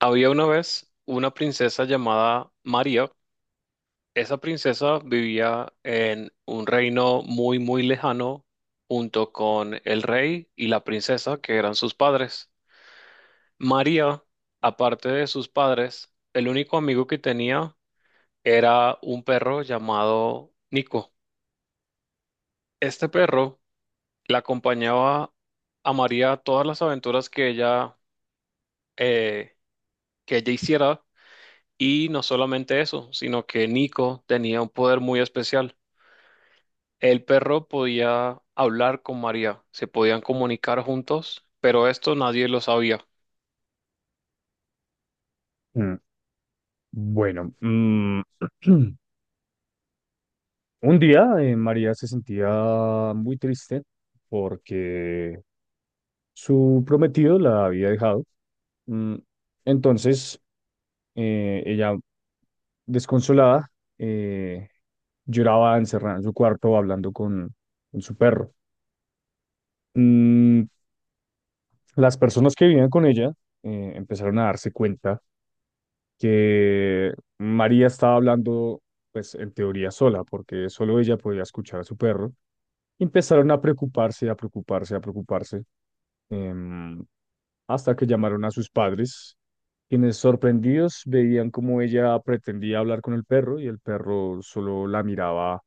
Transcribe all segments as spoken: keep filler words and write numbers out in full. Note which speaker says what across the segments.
Speaker 1: Había una vez una princesa llamada María. Esa princesa vivía en un reino muy, muy lejano junto con el rey y la princesa, que eran sus padres. María, aparte de sus padres, el único amigo que tenía era un perro llamado Nico. Este perro la acompañaba a María a todas las aventuras que ella, eh, que ella hiciera. Y no solamente eso, sino que Nico tenía un poder muy especial. El perro podía hablar con María, se podían comunicar juntos, pero esto nadie lo sabía.
Speaker 2: Mm, Bueno, mm, un día eh, María se sentía muy triste porque su prometido la había dejado. Mm, Entonces, eh, ella, desconsolada, eh, lloraba encerrada en su cuarto hablando con, con su perro. Mm, Las personas que vivían con ella eh, empezaron a darse cuenta que María estaba hablando, pues en teoría sola, porque solo ella podía escuchar a su perro. Y empezaron a preocuparse, a preocuparse, a preocuparse, em, hasta que llamaron a sus padres, quienes sorprendidos veían cómo ella pretendía hablar con el perro y el perro solo la miraba,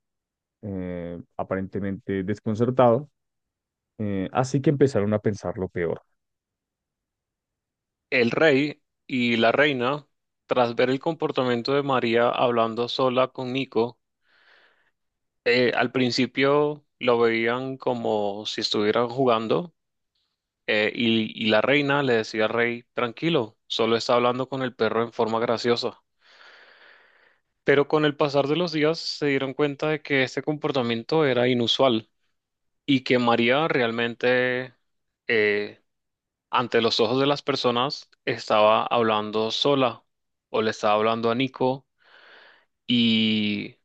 Speaker 2: eh, aparentemente desconcertado. eh, así que empezaron a pensar lo peor.
Speaker 1: El rey y la reina, tras ver el comportamiento de María hablando sola con Nico, eh, al principio lo veían como si estuvieran jugando. Eh, y, y la reina le decía al rey, tranquilo, solo está hablando con el perro en forma graciosa. Pero con el pasar de los días se dieron cuenta de que este comportamiento era inusual y que María realmente, eh, ante los ojos de las personas, estaba hablando sola o le estaba hablando a Nico, y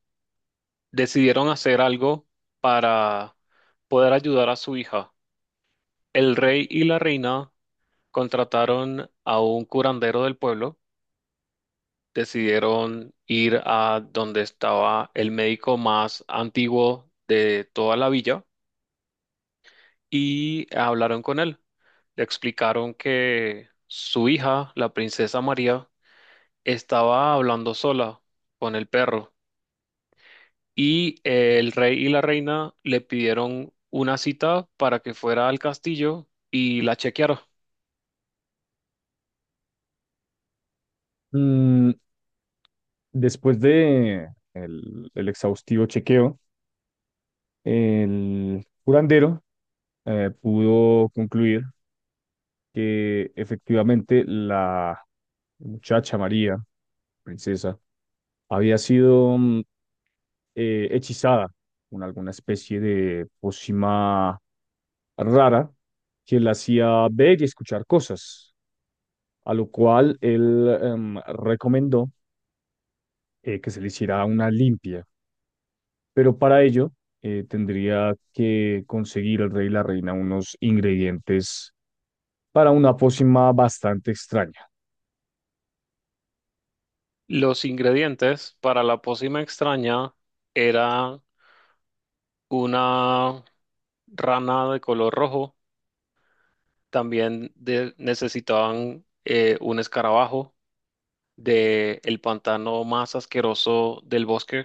Speaker 1: decidieron hacer algo para poder ayudar a su hija. El rey y la reina contrataron a un curandero del pueblo. Decidieron ir a donde estaba el médico más antiguo de toda la villa y hablaron con él. Le explicaron que su hija, la princesa María, estaba hablando sola con el perro, y el rey y la reina le pidieron una cita para que fuera al castillo y la chequearon.
Speaker 2: Mm, Después de el el exhaustivo chequeo, El curandero eh, pudo concluir que efectivamente la muchacha María, princesa, había sido mm, eh, hechizada con alguna especie de pócima rara que la hacía ver y escuchar cosas, a lo cual él em, recomendó eh, que se le hiciera una limpia. Pero para ello eh, tendría que conseguir el rey y la reina unos ingredientes para una pócima bastante extraña.
Speaker 1: Los ingredientes para la pócima extraña eran una rana de color rojo. También de- necesitaban eh, un escarabajo de el pantano más asqueroso del bosque.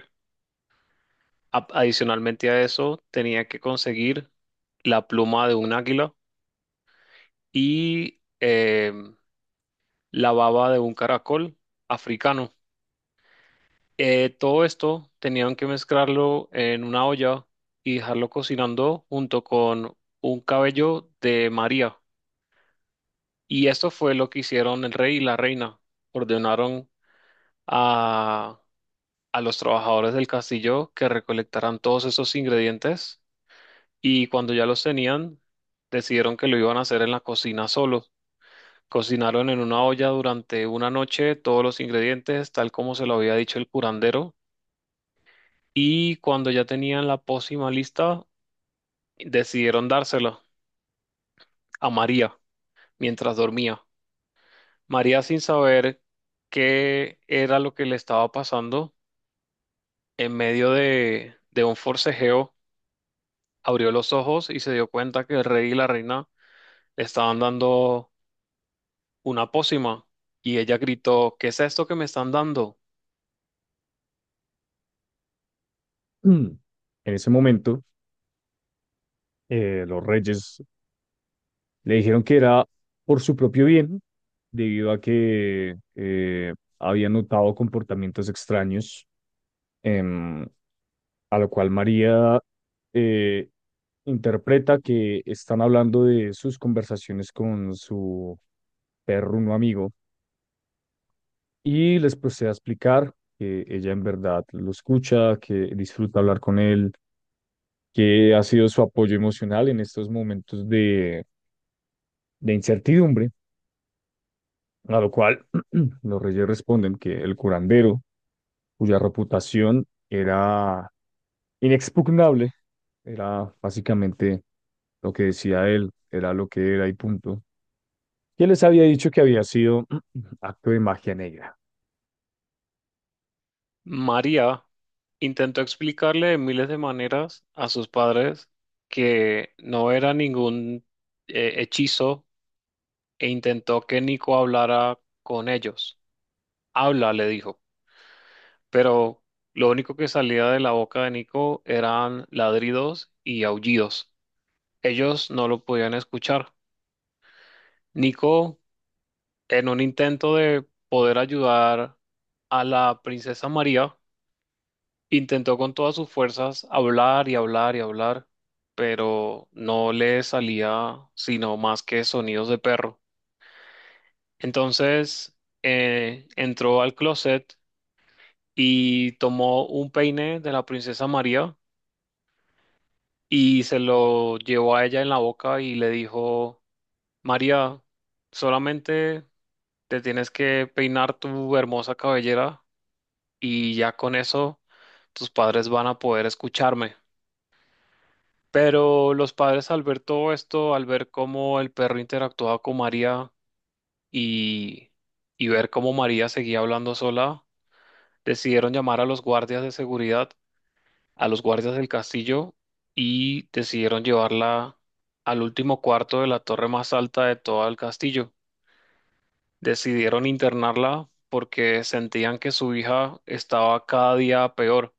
Speaker 1: A- adicionalmente a eso, tenía que conseguir la pluma de un águila y, em, la baba de un caracol africano. Eh, todo esto tenían que mezclarlo en una olla y dejarlo cocinando junto con un cabello de María. Y esto fue lo que hicieron el rey y la reina. Ordenaron a, a los trabajadores del castillo que recolectaran todos esos ingredientes, y cuando ya los tenían, decidieron que lo iban a hacer en la cocina solos. Cocinaron en una olla durante una noche todos los ingredientes, tal como se lo había dicho el curandero, y cuando ya tenían la pócima lista, decidieron dársela a María mientras dormía. María, sin saber qué era lo que le estaba pasando, en medio de, de un forcejeo, abrió los ojos y se dio cuenta que el rey y la reina le estaban dando una pócima, y ella gritó: ¿qué es esto que me están dando?
Speaker 2: Mm. En ese momento, eh, los reyes le dijeron que era por su propio bien, debido a que eh, había notado comportamientos extraños, em, a lo cual María eh, interpreta que están hablando de sus conversaciones con su perruno amigo, y les procede a explicar que ella en verdad lo escucha, que disfruta hablar con él, que ha sido su apoyo emocional en estos momentos de, de incertidumbre, a lo cual los reyes responden que el curandero, cuya reputación era inexpugnable, era básicamente lo que decía él, era lo que era y punto, que les había dicho que había sido acto de magia negra.
Speaker 1: María intentó explicarle de miles de maneras a sus padres que no era ningún, eh, hechizo, e intentó que Nico hablara con ellos. Habla, le dijo, pero lo único que salía de la boca de Nico eran ladridos y aullidos. Ellos no lo podían escuchar. Nico, en un intento de poder ayudar a la princesa María, intentó con todas sus fuerzas hablar y hablar y hablar, pero no le salía sino más que sonidos de perro. Entonces eh, entró al closet y tomó un peine de la princesa María, y se lo llevó a ella en la boca y le dijo: María, solamente te tienes que peinar tu hermosa cabellera y ya con eso tus padres van a poder escucharme. Pero los padres, al ver todo esto, al ver cómo el perro interactuaba con María, y, y ver cómo María seguía hablando sola, decidieron llamar a los guardias de seguridad, a los guardias del castillo, y decidieron llevarla al último cuarto de la torre más alta de todo el castillo. Decidieron internarla porque sentían que su hija estaba cada día peor.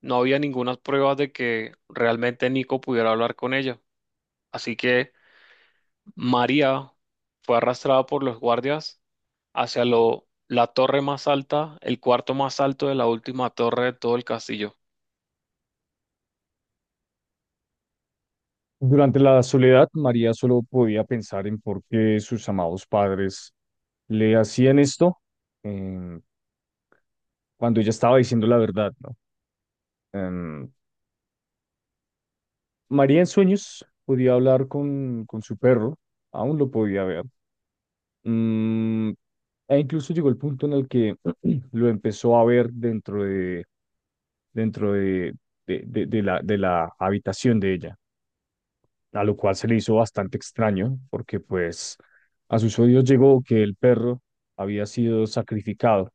Speaker 1: No había ninguna prueba de que realmente Nico pudiera hablar con ella. Así que María fue arrastrada por los guardias hacia lo- la torre más alta, el cuarto más alto de la última torre de todo el castillo.
Speaker 2: Durante la soledad, María solo podía pensar en por qué sus amados padres le hacían esto, em, cuando ella estaba diciendo la verdad, ¿no? Em, María en sueños podía hablar con, con su perro, aún lo podía ver. Mm, E incluso llegó el punto en el que lo empezó a ver dentro de, dentro de, de, de- de la, de la habitación de ella. A lo cual se le hizo bastante extraño, porque pues a sus oídos llegó que el perro había sido sacrificado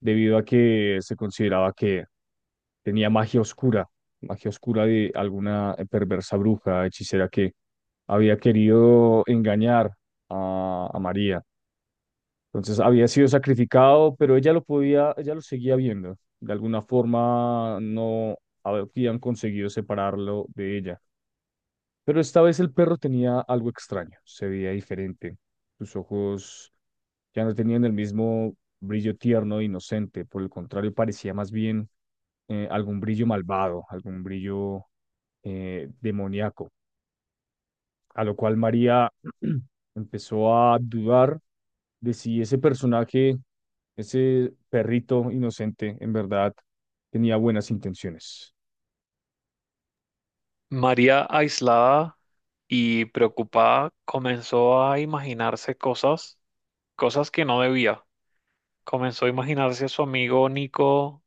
Speaker 2: debido a que se consideraba que tenía magia oscura, magia oscura de alguna perversa bruja, hechicera que había querido engañar a, a María. Entonces había sido sacrificado, pero ella lo podía, ella lo seguía viendo. De alguna forma no habían conseguido separarlo de ella. Pero esta vez el perro tenía algo extraño, se veía diferente. Sus ojos ya no tenían el mismo brillo tierno e inocente, por el contrario, parecía más bien eh, algún brillo malvado, algún brillo eh, demoníaco, a lo cual María empezó a dudar de si ese personaje, ese perrito inocente, en verdad tenía buenas intenciones.
Speaker 1: María, aislada y preocupada, comenzó a imaginarse cosas, cosas que no debía. Comenzó a imaginarse a su amigo Nico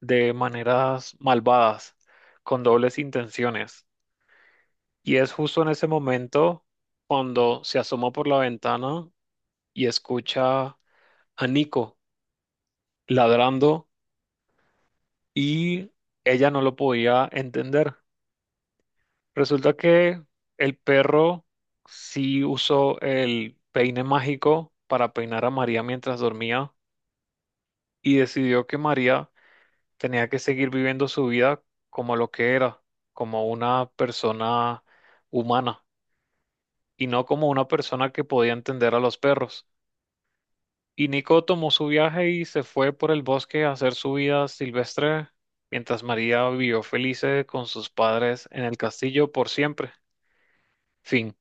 Speaker 1: de maneras malvadas, con dobles intenciones. Y es justo en ese momento cuando se asoma por la ventana y escucha a Nico ladrando, y ella no lo podía entender. Resulta que el perro sí usó el peine mágico para peinar a María mientras dormía, y decidió que María tenía que seguir viviendo su vida como lo que era, como una persona humana y no como una persona que podía entender a los perros. Y Nico tomó su viaje y se fue por el bosque a hacer su vida silvestre, mientras María vivió feliz con sus padres en el castillo por siempre. Fin.